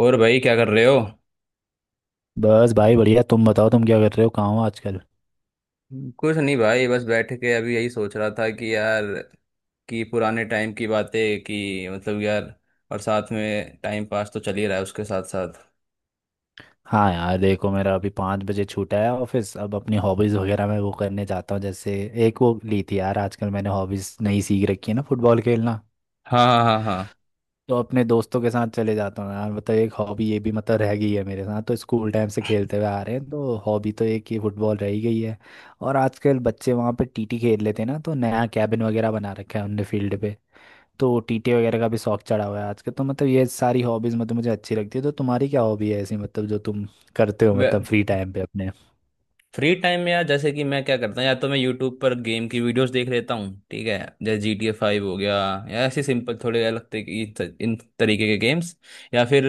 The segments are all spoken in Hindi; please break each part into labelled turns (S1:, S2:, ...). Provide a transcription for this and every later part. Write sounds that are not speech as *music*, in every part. S1: और भाई क्या कर रहे हो?
S2: बस भाई बढ़िया। तुम बताओ, तुम क्या कर रहे हो, कहाँ हो आजकल?
S1: कुछ नहीं भाई, बस बैठ के अभी यही सोच रहा था कि यार, कि पुराने टाइम की बातें, कि मतलब यार, और साथ में टाइम पास तो चल ही रहा है उसके साथ साथ।
S2: हाँ यार देखो, मेरा अभी 5 बजे छूटा है ऑफिस। अब अपनी हॉबीज़ वगैरह मैं वो करने जाता हूँ। जैसे एक वो ली थी यार, आजकल मैंने हॉबीज़ नई सीख रखी है ना, फुटबॉल खेलना।
S1: हाँ हाँ हाँ हाँ।
S2: तो अपने दोस्तों के साथ चले जाता हूँ यार, मतलब एक हॉबी ये भी मतलब रह गई है। मेरे साथ तो स्कूल टाइम से खेलते हुए आ रहे हैं, तो हॉबी तो एक ही फुटबॉल रह ही गई है। और आजकल बच्चे वहाँ पे टीटी खेल लेते हैं ना, तो नया कैबिन वगैरह बना रखा है उनने फील्ड पे। तो टीटे वगैरह का भी शौक चढ़ा हुआ है आजकल तो, मतलब ये सारी हॉबीज मतलब मुझे अच्छी लगती है। तो तुम्हारी क्या हॉबी है ऐसी, मतलब जो तुम करते हो, मतलब
S1: वे-
S2: फ्री टाइम पे अपने।
S1: फ्री टाइम में यार, जैसे कि मैं क्या करता हूँ, या तो मैं यूट्यूब पर गेम की वीडियोस देख लेता हूँ, ठीक है, जैसे GTA 5 हो गया, या ऐसे सिंपल थोड़े अलग तरीके इन तरीके के गेम्स, या फिर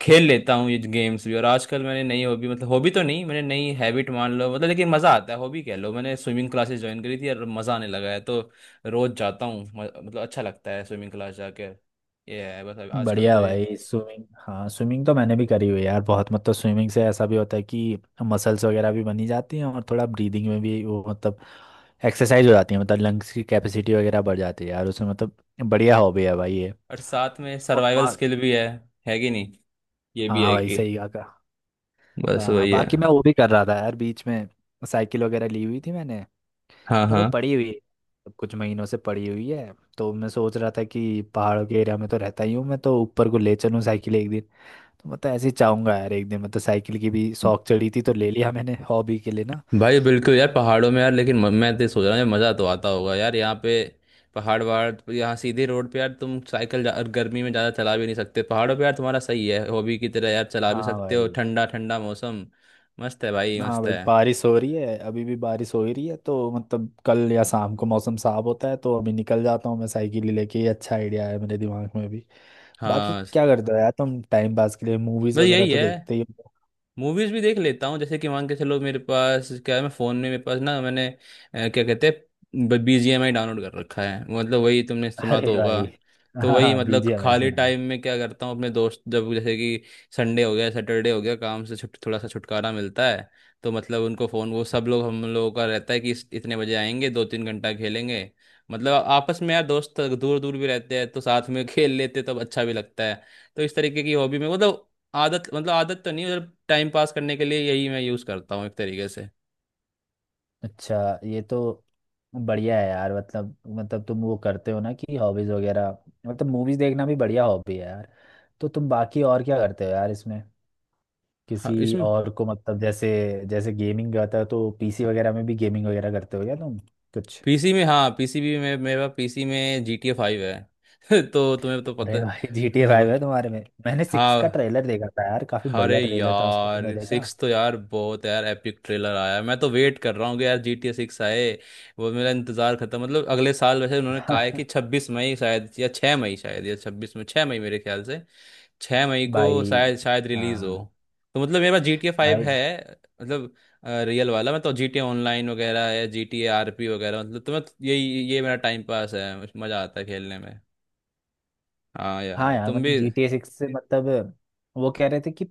S1: खेल लेता हूँ ये गेम्स भी। और आजकल मैंने नई हॉबी, मतलब हॉबी तो नहीं, मैंने नई हैबिट मान लो, मतलब लेकिन मज़ा आता है, हॉबी कह लो, मैंने स्विमिंग क्लासेस ज्वाइन करी थी और मज़ा आने लगा है। तो रोज़ जाता हूँ, मतलब अच्छा लगता है स्विमिंग क्लास जाके। ये है बस आजकल तो
S2: बढ़िया
S1: ये।
S2: भाई, स्विमिंग। हाँ स्विमिंग तो मैंने भी करी हुई है यार, बहुत। मतलब स्विमिंग से ऐसा भी होता है कि मसल्स वगैरह भी बनी जाती हैं, और थोड़ा ब्रीदिंग में भी वो मतलब एक्सरसाइज हो जाती है, मतलब लंग्स की कैपेसिटी वगैरह बढ़ जाती है यार उसमें। मतलब बढ़िया हॉबी है भाई ये।
S1: और साथ में
S2: और
S1: सर्वाइवल स्किल भी है कि नहीं? ये भी
S2: हाँ
S1: है
S2: भाई
S1: कि
S2: सही कहा।
S1: बस
S2: हाँ,
S1: वही है।
S2: बाकी मैं वो भी कर रहा था यार बीच में, साइकिल वगैरह ली हुई थी मैंने,
S1: हाँ।
S2: पर वो
S1: हाँ
S2: पड़ी हुई है कुछ महीनों से पड़ी हुई है। तो मैं सोच रहा था कि पहाड़ों के एरिया में तो रहता ही हूँ मैं, तो ऊपर को ले चलूँ साइकिल एक दिन। तो मतलब ऐसे ही चाहूंगा यार एक दिन, मतलब साइकिल की भी शौक चढ़ी थी तो ले लिया मैंने हॉबी के लिए ना।
S1: भाई बिल्कुल यार, पहाड़ों में यार, लेकिन मैं तो सोच रहा हूँ यार, मज़ा तो आता होगा यार यहाँ पे। पहाड़ वहाड़ तो यहाँ, सीधे रोड पे यार तुम साइकिल गर्मी में ज़्यादा चला भी नहीं सकते। पहाड़ों पे यार तुम्हारा सही है, हॉबी की तरह यार चला भी
S2: हाँ
S1: सकते हो,
S2: भाई।
S1: ठंडा ठंडा मौसम। मस्त है भाई,
S2: हाँ
S1: मस्त
S2: भाई,
S1: है।
S2: बारिश हो रही है अभी भी, बारिश हो ही रही है। तो मतलब कल या शाम को मौसम साफ होता है तो अभी निकल जाता हूँ मैं साइकिल ही लेके। ये अच्छा आइडिया है मेरे दिमाग में भी। बाकी
S1: हाँ,
S2: क्या करते हो यार तुम टाइम पास के लिए, मूवीज
S1: बस
S2: वगैरह
S1: यही
S2: तो
S1: है।
S2: देखते ही हो?
S1: मूवीज भी देख लेता हूँ। जैसे कि मान के चलो, मेरे पास क्या है, मैं फोन में, मेरे पास ना, मैंने क्या कहते हैं, BGMI डाउनलोड कर रखा है, मतलब वही तुमने सुना
S2: अरे
S1: तो होगा।
S2: भाई।
S1: तो
S2: हाँ,
S1: वही, मतलब
S2: बीजिएमआई
S1: खाली
S2: सुना है।
S1: टाइम में क्या करता हूँ, अपने दोस्त जब जैसे कि संडे हो गया, सैटरडे हो गया, काम से छुट, थोड़ा सा छुटकारा मिलता है, तो मतलब उनको फ़ोन, वो सब लोग हम लोगों का रहता है कि इतने बजे आएंगे, 2-3 घंटा खेलेंगे। मतलब आपस में यार, दोस्त दूर दूर भी रहते हैं तो साथ में *laughs* खेल लेते, तो अच्छा भी लगता है। तो इस तरीके की हॉबी में, मतलब आदत, मतलब आदत तो नहीं, मतलब टाइम पास करने के लिए यही मैं यूज़ करता हूँ, एक तरीके से।
S2: अच्छा, ये तो बढ़िया है यार। मतलब मतलब तुम वो करते हो ना कि हॉबीज वगैरह, मतलब मूवीज देखना भी बढ़िया हॉबी है यार। तो तुम बाकी और क्या करते हो यार इसमें,
S1: हाँ,
S2: किसी
S1: इसमें।
S2: और को मतलब, जैसे जैसे गेमिंग करता हो तो पीसी वगैरह में भी गेमिंग वगैरह करते हो क्या तुम कुछ?
S1: पीसी में, हाँ पीसी भी में, मेरा पीसी में GTA 5 है *laughs* तो तुम्हें तो पता
S2: अरे
S1: है।
S2: भाई, जी टी ए
S1: अरे।
S2: फाइव है तुम्हारे में। मैंने 6 का
S1: हाँ।
S2: ट्रेलर देखा था यार, काफी
S1: अरे
S2: बढ़िया ट्रेलर था उसका,
S1: यार
S2: तुमने देखा?
S1: सिक्स तो यार बहुत है यार, एपिक ट्रेलर आया, मैं तो वेट कर रहा हूँ कि यार GTA 6 आए। वो मेरा इंतजार खत्म। मतलब अगले साल, वैसे उन्होंने कहा है कि
S2: *laughs*
S1: 26 मई शायद, या 6 मई शायद, या 26 में, 6 मई मेरे ख्याल से। 6 मई को
S2: भाई।
S1: शायद शायद रिलीज हो।
S2: हाँ
S1: तो मतलब मेरे पास GTA 5
S2: भाई।
S1: है। मतलब रियल वाला। मैं तो, GTA ऑनलाइन वगैरह है, GTA RP वगैरह, मतलब तो मैं तो यही, ये मेरा टाइम पास है, मज़ा आता है खेलने में। हाँ
S2: हाँ
S1: यार
S2: यार
S1: तुम
S2: मतलब,
S1: भी
S2: जी
S1: *laughs*
S2: टी ए सिक्स से मतलब वो कह रहे थे कि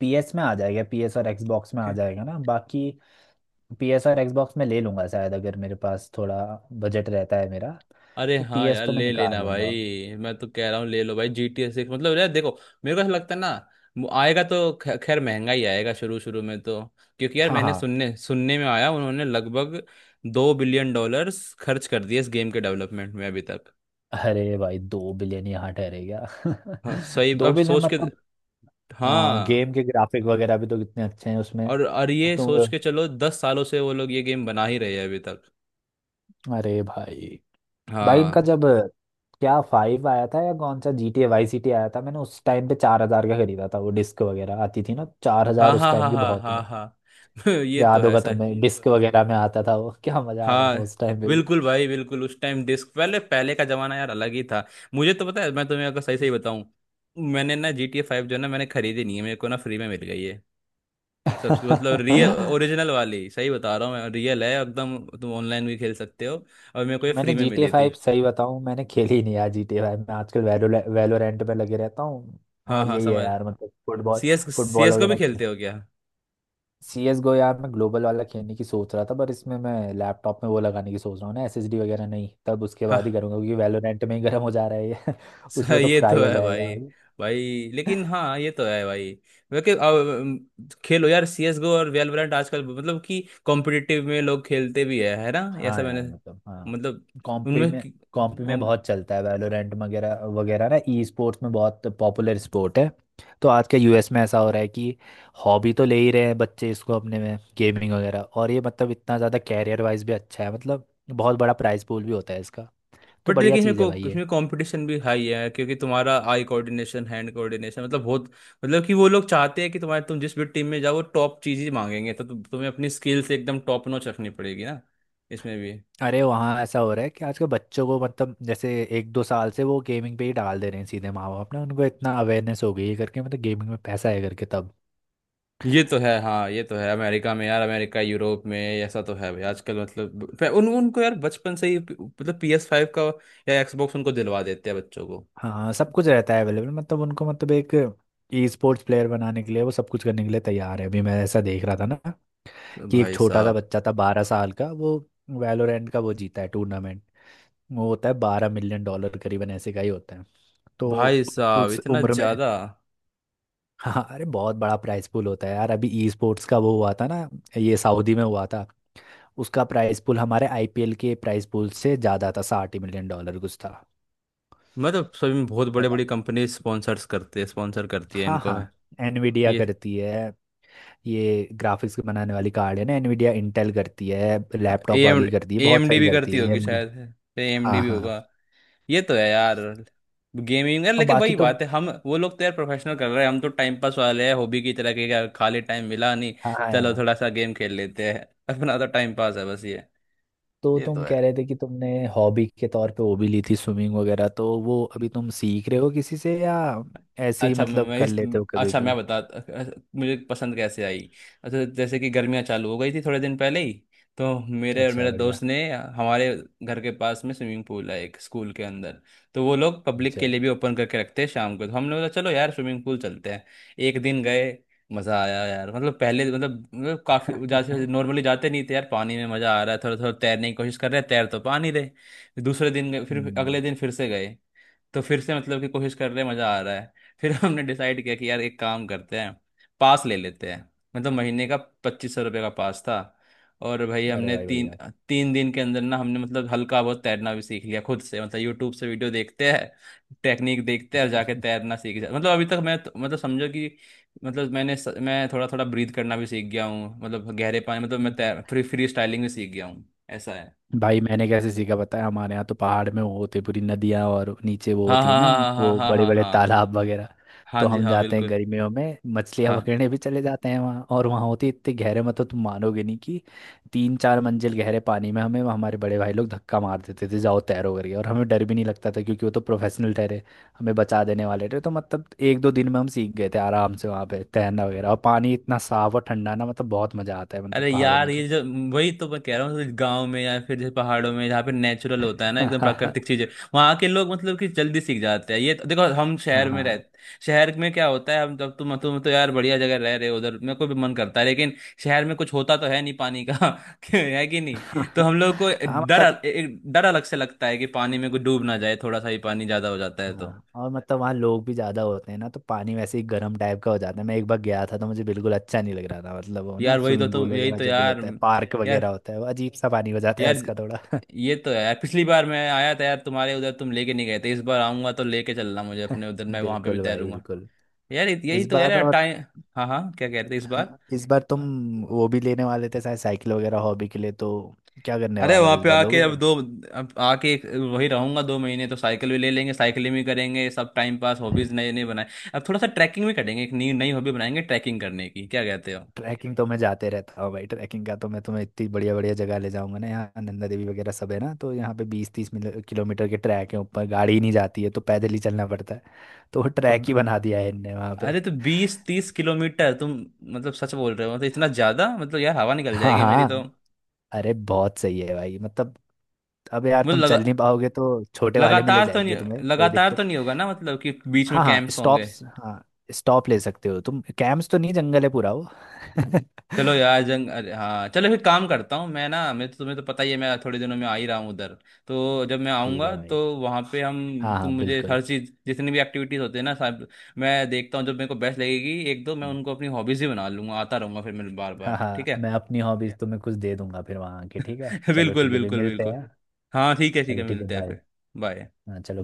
S2: PS में आ जाएगा, PS और Xbox में आ जाएगा ना बाकी। पी एस और Xbox में ले लूंगा शायद, अगर मेरे पास थोड़ा बजट रहता है मेरा,
S1: अरे
S2: तो पी
S1: हाँ
S2: एस
S1: यार,
S2: तो मैं
S1: ले
S2: निकाल
S1: लेना
S2: लूंगा।
S1: भाई, मैं तो कह रहा हूँ ले लो भाई GTA 6, मतलब यार देखो, मेरे को ऐसा लगता है ना, वो आएगा तो खैर महंगा ही आएगा शुरू शुरू में तो, क्योंकि यार
S2: हाँ
S1: मैंने
S2: हाँ।
S1: सुनने सुनने में आया, उन्होंने लगभग 2 बिलियन डॉलर्स खर्च कर दिए इस गेम के डेवलपमेंट में अभी तक।
S2: अरे भाई, 2 बिलियन, यहाँ ठहरेगा।
S1: हाँ
S2: *laughs*
S1: सही,
S2: दो
S1: अब
S2: बिलियन
S1: सोच के।
S2: मतलब। हाँ,
S1: हाँ।
S2: गेम के ग्राफिक वगैरह भी तो कितने अच्छे हैं उसमें।
S1: और ये
S2: तो
S1: सोच के चलो, 10 सालों से वो लोग ये गेम बना ही रहे हैं अभी तक।
S2: अरे भाई। भाई इनका
S1: हाँ
S2: जब क्या 5 आया था या कौन सा GTA YCT आया था, मैंने उस टाइम पे 4 हजार का खरीदा था वो, डिस्क वगैरह आती थी ना, चार
S1: हाँ
S2: हजार उस
S1: हाँ हाँ
S2: टाइम की
S1: हाँ
S2: बहुत
S1: हाँ
S2: है।
S1: हाँ *laughs* ये तो
S2: याद
S1: है
S2: होगा
S1: सर।
S2: तुम्हें, डिस्क वगैरह में आता था वो। *laughs* क्या मजा आता था
S1: हाँ।
S2: उस टाइम पे भी।
S1: बिल्कुल भाई, बिल्कुल उस टाइम डिस्क, पहले पहले का जमाना यार अलग ही था। मुझे तो पता है, मैं तुम्हें अगर सही सही बताऊं, मैंने ना GTA 5 जो है ना, मैंने खरीदी नहीं है। मेरे को ना फ्री में मिल गई है, सबसे मतलब रियल ओरिजिनल वाली, सही बता रहा हूँ, मैं, रियल है एकदम, तुम ऑनलाइन भी खेल सकते हो। और मेरे को
S2: *laughs*
S1: ये
S2: मैंने
S1: फ्री में
S2: जी टी ए
S1: मिली थी।
S2: फाइव सही बताऊं मैंने खेली ही नहीं यार, GTA 5। मैं आजकल वैलोरेंट पे लगे रहता हूँ।
S1: हाँ
S2: और
S1: हाँ
S2: यही है
S1: समझ।
S2: यार, मतलब फुटबॉल,
S1: सीएस,
S2: फुटबॉल
S1: सीएस को भी
S2: वगैरह।
S1: खेलते हो क्या?
S2: CS:GO यार मैं ग्लोबल वाला खेलने की सोच रहा था, पर इसमें मैं लैपटॉप में वो लगाने की सोच रहा हूँ ना SSD वगैरह, नहीं तब उसके
S1: हाँ।
S2: बाद ही करूँगा, क्योंकि वैलोरेंट में ही गर्म हो जा रहा है ये, *laughs* उसमें तो
S1: ये
S2: फ्राई
S1: तो
S2: हो
S1: है
S2: जाएगा
S1: भाई।
S2: भाई।
S1: भाई लेकिन हाँ, ये तो है भाई। क्योंकि अब, खेलो यार CS GO और वैलोरेंट आजकल, मतलब कि कॉम्पिटिटिव में लोग खेलते भी है ना। ऐसा
S2: हाँ
S1: मैंने,
S2: यार मतलब हाँ।
S1: मतलब,
S2: कॉम्पी
S1: उनमें,
S2: में, कॉम्पी में बहुत चलता है वैलोरेंट वगैरह वगैरह ना, ई स्पोर्ट्स में बहुत पॉपुलर स्पोर्ट है। तो आज के यूएस में ऐसा हो रहा है कि हॉबी तो ले ही रहे हैं बच्चे इसको अपने में, गेमिंग वगैरह, और ये मतलब इतना ज़्यादा कैरियर वाइज भी अच्छा है, मतलब बहुत बड़ा प्राइस पूल भी होता है इसका। तो
S1: बट
S2: बढ़िया
S1: लेकिन इसमें
S2: चीज़ है भाई
S1: को
S2: ये।
S1: इसमें कंपटीशन भी हाई है, क्योंकि तुम्हारा आई कोऑर्डिनेशन, हैंड कोऑर्डिनेशन, मतलब बहुत। मतलब कि वो लोग चाहते हैं कि तुम्हारे, तुम जिस भी टीम में जाओ, वो टॉप चीज़ ही मांगेंगे, तो तुम्हें अपनी स्किल्स एकदम टॉप नॉच रखनी पड़ेगी ना, इसमें भी।
S2: अरे वहाँ ऐसा हो रहा है कि आजकल बच्चों को मतलब जैसे एक दो साल से वो गेमिंग पे ही डाल दे रहे हैं सीधे माँ बाप ना, उनको इतना अवेयरनेस हो गई है करके, मतलब गेमिंग में पैसा है करके तब।
S1: ये तो है। हाँ, ये तो है। अमेरिका में यार, अमेरिका यूरोप में ऐसा तो है भाई आजकल, मतलब उन उनको यार बचपन से ही मतलब PS5 का या एक्सबॉक्स उनको दिलवा देते हैं बच्चों को।
S2: हाँ सब कुछ रहता है अवेलेबल, मतलब उनको, मतलब एक ई स्पोर्ट्स प्लेयर बनाने के लिए वो सब कुछ करने के लिए तैयार है। अभी मैं ऐसा देख रहा था ना कि एक
S1: भाई
S2: छोटा सा
S1: साहब।
S2: बच्चा था 12 साल का, वो वैलोरेंट का वो जीता है टूर्नामेंट। वो होता है 12 मिलियन डॉलर करीबन ऐसे का ही होता है। तो
S1: भाई साहब
S2: उस
S1: इतना
S2: उम्र में।
S1: ज्यादा।
S2: हाँ अरे बहुत बड़ा प्राइस पूल होता है यार, अभी ई स्पोर्ट्स का वो हुआ था ना, ये सऊदी में हुआ था। उसका प्राइस पूल हमारे आईपीएल के प्राइस पूल से ज़्यादा था, 60 मिलियन डॉलर कुछ था।
S1: मतलब सभी में बहुत बड़े, बड़ी कंपनी स्पॉन्सर्स करते हैं, स्पॉन्सर करती है
S2: हाँ
S1: इनको,
S2: हाँ,
S1: है।
S2: एनवीडिया
S1: ये
S2: करती है, ये ग्राफिक्स बनाने वाली कार्ड है ना एनवीडिया, इंटेल करती है
S1: ए
S2: लैपटॉप
S1: एम
S2: वाली, करती है
S1: ए
S2: बहुत
S1: एम डी
S2: सारी,
S1: भी करती
S2: करती है
S1: होगी
S2: एएमडी।
S1: शायद, है AMD
S2: हाँ
S1: भी
S2: हाँ।
S1: होगा। ये तो है यार। गेमिंग यार,
S2: और
S1: लेकिन
S2: बाकी
S1: वही
S2: तुम,
S1: बात है, हम, वो लोग तो यार प्रोफेशनल कर रहे हैं, हम तो टाइम पास वाले हैं, हॉबी की तरह के, क्या खाली टाइम मिला नहीं,
S2: हाँ हाँ
S1: चलो
S2: यार,
S1: थोड़ा सा गेम खेल लेते हैं *laughs* अपना तो टाइम पास है बस ये।
S2: तो
S1: ये
S2: तुम
S1: तो है।
S2: कह रहे थे कि तुमने हॉबी के तौर पे वो भी ली थी स्विमिंग वगैरह, तो वो अभी तुम सीख रहे हो किसी से या ऐसे ही
S1: अच्छा, मैं
S2: मतलब
S1: मैं
S2: कर
S1: इस,
S2: लेते हो कभी
S1: अच्छा मैं
S2: भी?
S1: बता, मुझे पसंद कैसे आई। अच्छा जैसे कि गर्मियाँ चालू हो गई थी थोड़े दिन पहले ही, तो मेरे और
S2: अच्छा
S1: मेरे
S2: बढ़िया।
S1: दोस्त ने, हमारे घर के पास में स्विमिंग पूल है एक, स्कूल के अंदर। तो वो लोग पब्लिक
S2: अच्छा।
S1: के लिए भी ओपन करके रखते हैं शाम को, तो हमने बोला चलो यार स्विमिंग पूल चलते हैं। एक दिन गए, मज़ा आया यार। मतलब पहले, मतलब मतलब काफ़ी, जैसे
S2: *laughs*
S1: नॉर्मली जाते नहीं थे यार, पानी में मज़ा आ रहा है, थोड़ा थोड़ा तैरने की कोशिश कर रहे हैं, तैर तो पा नहीं रहे। दूसरे दिन गए, फिर
S2: हम्म।
S1: अगले दिन फिर से गए। तो फिर से मतलब कि कोशिश कर रहे हैं, मज़ा आ रहा है। फिर *laughs* हमने डिसाइड किया कि यार एक काम करते हैं, पास ले लेते हैं, मतलब महीने का। 2500 रुपये का पास था। और भाई
S2: अरे
S1: हमने
S2: भाई
S1: तीन,
S2: बढ़िया।
S1: तीन दिन के अंदर ना हमने मतलब हल्का बहुत तैरना भी सीख लिया खुद से, मतलब यूट्यूब से वीडियो देखते हैं, टेक्निक देखते हैं और जाके तैरना सीख जाते। मतलब अभी तक मैं मतलब समझो कि, मतलब मैंने मैं थोड़ा थोड़ा ब्रीथ करना भी सीख गया हूँ, मतलब गहरे पानी, मतलब मैं तैर
S2: *laughs*
S1: फ्री फ्री स्टाइलिंग भी सीख गया हूँ। ऐसा है।
S2: भाई मैंने कैसे सीखा पता है, हमारे यहाँ तो पहाड़ में वो होते हैं, पूरी नदियाँ, और नीचे वो
S1: हाँ
S2: होती है
S1: हाँ
S2: ना,
S1: हाँ हाँ हाँ
S2: वो
S1: हाँ
S2: बड़े
S1: हाँ
S2: बड़े
S1: हाँ।
S2: तालाब वगैरह।
S1: हाँ
S2: तो
S1: जी,
S2: हम
S1: हाँ,
S2: जाते हैं
S1: बिल्कुल।
S2: गर्मियों में, मछलियाँ
S1: हाँ।
S2: पकड़ने भी चले जाते हैं वहाँ, और वहाँ होती है इतने गहरे, मतलब तुम मानोगे नहीं कि तीन चार मंजिल गहरे पानी में हमें हमारे बड़े भाई लोग धक्का मार देते थे जाओ तैरो करके, और हमें डर भी नहीं लगता था क्योंकि वो तो प्रोफेशनल ठहरे, हमें बचा देने वाले थे। तो मतलब एक दो दिन में हम सीख गए थे आराम से वहाँ पे तैरना वगैरह, और पानी इतना साफ और ठंडा ना, मतलब बहुत मज़ा आता है मतलब
S1: अरे
S2: पहाड़ों
S1: यार
S2: में तो।
S1: ये जो, वही तो मैं कह रहा हूँ, गांव में या फिर जैसे पहाड़ों में जहाँ पे नेचुरल होता है ना, एकदम प्राकृतिक
S2: *laughs*
S1: चीजें, वहाँ के लोग मतलब कि जल्दी सीख जाते हैं। ये देखो, हम
S2: हाँ
S1: शहर में रह,
S2: हाँ।
S1: शहर में क्या होता है, हम जब, तुम तो यार बढ़िया जगह रह रहे हो उधर, मेरे को भी मन करता है, लेकिन शहर में कुछ होता तो है नहीं पानी का *laughs* है कि नहीं, तो हम
S2: *laughs*
S1: लोग को
S2: हाँ
S1: डर
S2: मतलब।
S1: एक डर अलग से लगता है, कि पानी में कोई डूब ना जाए, थोड़ा सा ही पानी ज्यादा हो जाता है तो।
S2: हाँ और मतलब वहाँ लोग भी ज्यादा होते हैं ना तो पानी वैसे ही गर्म टाइप का हो जाता है, मैं एक बार गया था तो मुझे बिल्कुल अच्छा नहीं लग रहा था, मतलब वो ना
S1: यार वही तो
S2: स्विमिंग
S1: तुम,
S2: पूल
S1: यही
S2: वगैरह
S1: तो
S2: जब भी
S1: यार,
S2: होता है पार्क
S1: यार,
S2: वगैरह होता है, वो अजीब सा पानी हो जाता है
S1: यार,
S2: उसका थोड़ा।
S1: ये तो है यार। पिछली बार मैं आया था यार तुम्हारे उधर, तुम लेके नहीं गए थे, इस बार आऊंगा तो लेके चलना मुझे
S2: *laughs*
S1: अपने उधर, मैं वहां पे भी
S2: बिल्कुल भाई
S1: तैरूंगा
S2: बिल्कुल।
S1: यार। यही
S2: इस
S1: तो
S2: बार
S1: यार
S2: और।
S1: टाइम। हाँ हाँ, क्या कहते हैं इस बार?
S2: हाँ इस बार तुम वो भी लेने वाले थे शायद साइकिल वगैरह हॉबी के लिए तो, क्या करने
S1: अरे
S2: वाले हो
S1: वहां
S2: इस
S1: पे
S2: बार,
S1: आके,
S2: लोगे?
S1: अब दो, अब आके वही रहूंगा 2 महीने, तो साइकिल भी ले लेंगे, साइकिलिंग भी करेंगे, सब टाइम पास, हॉबीज नए नए बनाए। अब थोड़ा सा ट्रैकिंग भी करेंगे, एक नई नई हॉबी बनाएंगे ट्रैकिंग करने की, क्या कहते हो?
S2: ट्रैकिंग तो मैं जाते रहता हूँ भाई, ट्रैकिंग का तो मैं तुम्हें इतनी बढ़िया बढ़िया जगह ले जाऊंगा ना, यहाँ नंदा देवी वगैरह सब है ना, तो यहाँ पे 20-30 किलोमीटर के ट्रैक है, ऊपर गाड़ी ही नहीं जाती है तो पैदल ही चलना पड़ता है, तो वो ट्रैक ही
S1: अब,
S2: बना दिया है इनने वहाँ पे।
S1: अरे तो 20-30 किलोमीटर तुम, मतलब सच बोल रहे हो तो? इतना ज्यादा मतलब यार, हवा निकल
S2: हाँ
S1: जाएगी मेरी तो।
S2: हाँ। अरे बहुत सही है भाई, मतलब अब यार
S1: मुझे
S2: तुम
S1: लगा,
S2: चल नहीं पाओगे तो छोटे वाले में ले
S1: लगातार तो
S2: जाएंगे
S1: नहीं,
S2: तुम्हें, कोई
S1: लगातार
S2: दिक्कत।
S1: तो नहीं होगा ना, मतलब कि बीच में
S2: हाँ हाँ,
S1: कैंप्स होंगे।
S2: स्टॉप्स हाँ। स्टॉप ले सकते हो तुम, कैंप्स तो नहीं, जंगल है पूरा वो। *laughs*
S1: चलो यार जंग, अरे हाँ चलो, फिर काम करता हूँ मैं ना, मैं, तो तुम्हें तो पता ही है, मैं थोड़े दिनों में आ ही रहा हूँ उधर, तो जब मैं
S2: ठीक है
S1: आऊँगा
S2: भाई।
S1: तो वहाँ पे हम,
S2: हाँ
S1: तुम
S2: हाँ
S1: मुझे
S2: बिल्कुल।
S1: हर चीज़ जितनी भी एक्टिविटीज़ होती है ना सब मैं देखता हूँ, जब मेरे को बेस्ट लगेगी एक दो, मैं उनको अपनी हॉबीज़ ही बना लूँगा, आता रहूँगा फिर मैं बार
S2: हाँ
S1: बार,
S2: हाँ,
S1: ठीक है।
S2: मैं अपनी हॉबीज तुम्हें कुछ दे दूंगा फिर वहां आके, ठीक है,
S1: *laughs*
S2: चलो
S1: बिल्कुल
S2: ठीक है फिर
S1: बिल्कुल
S2: मिलते
S1: बिल्कुल।
S2: हैं।
S1: हाँ ठीक है, ठीक
S2: चलो
S1: है,
S2: ठीक है,
S1: मिलते हैं
S2: बाय।
S1: फिर। बाय।
S2: हाँ चलो।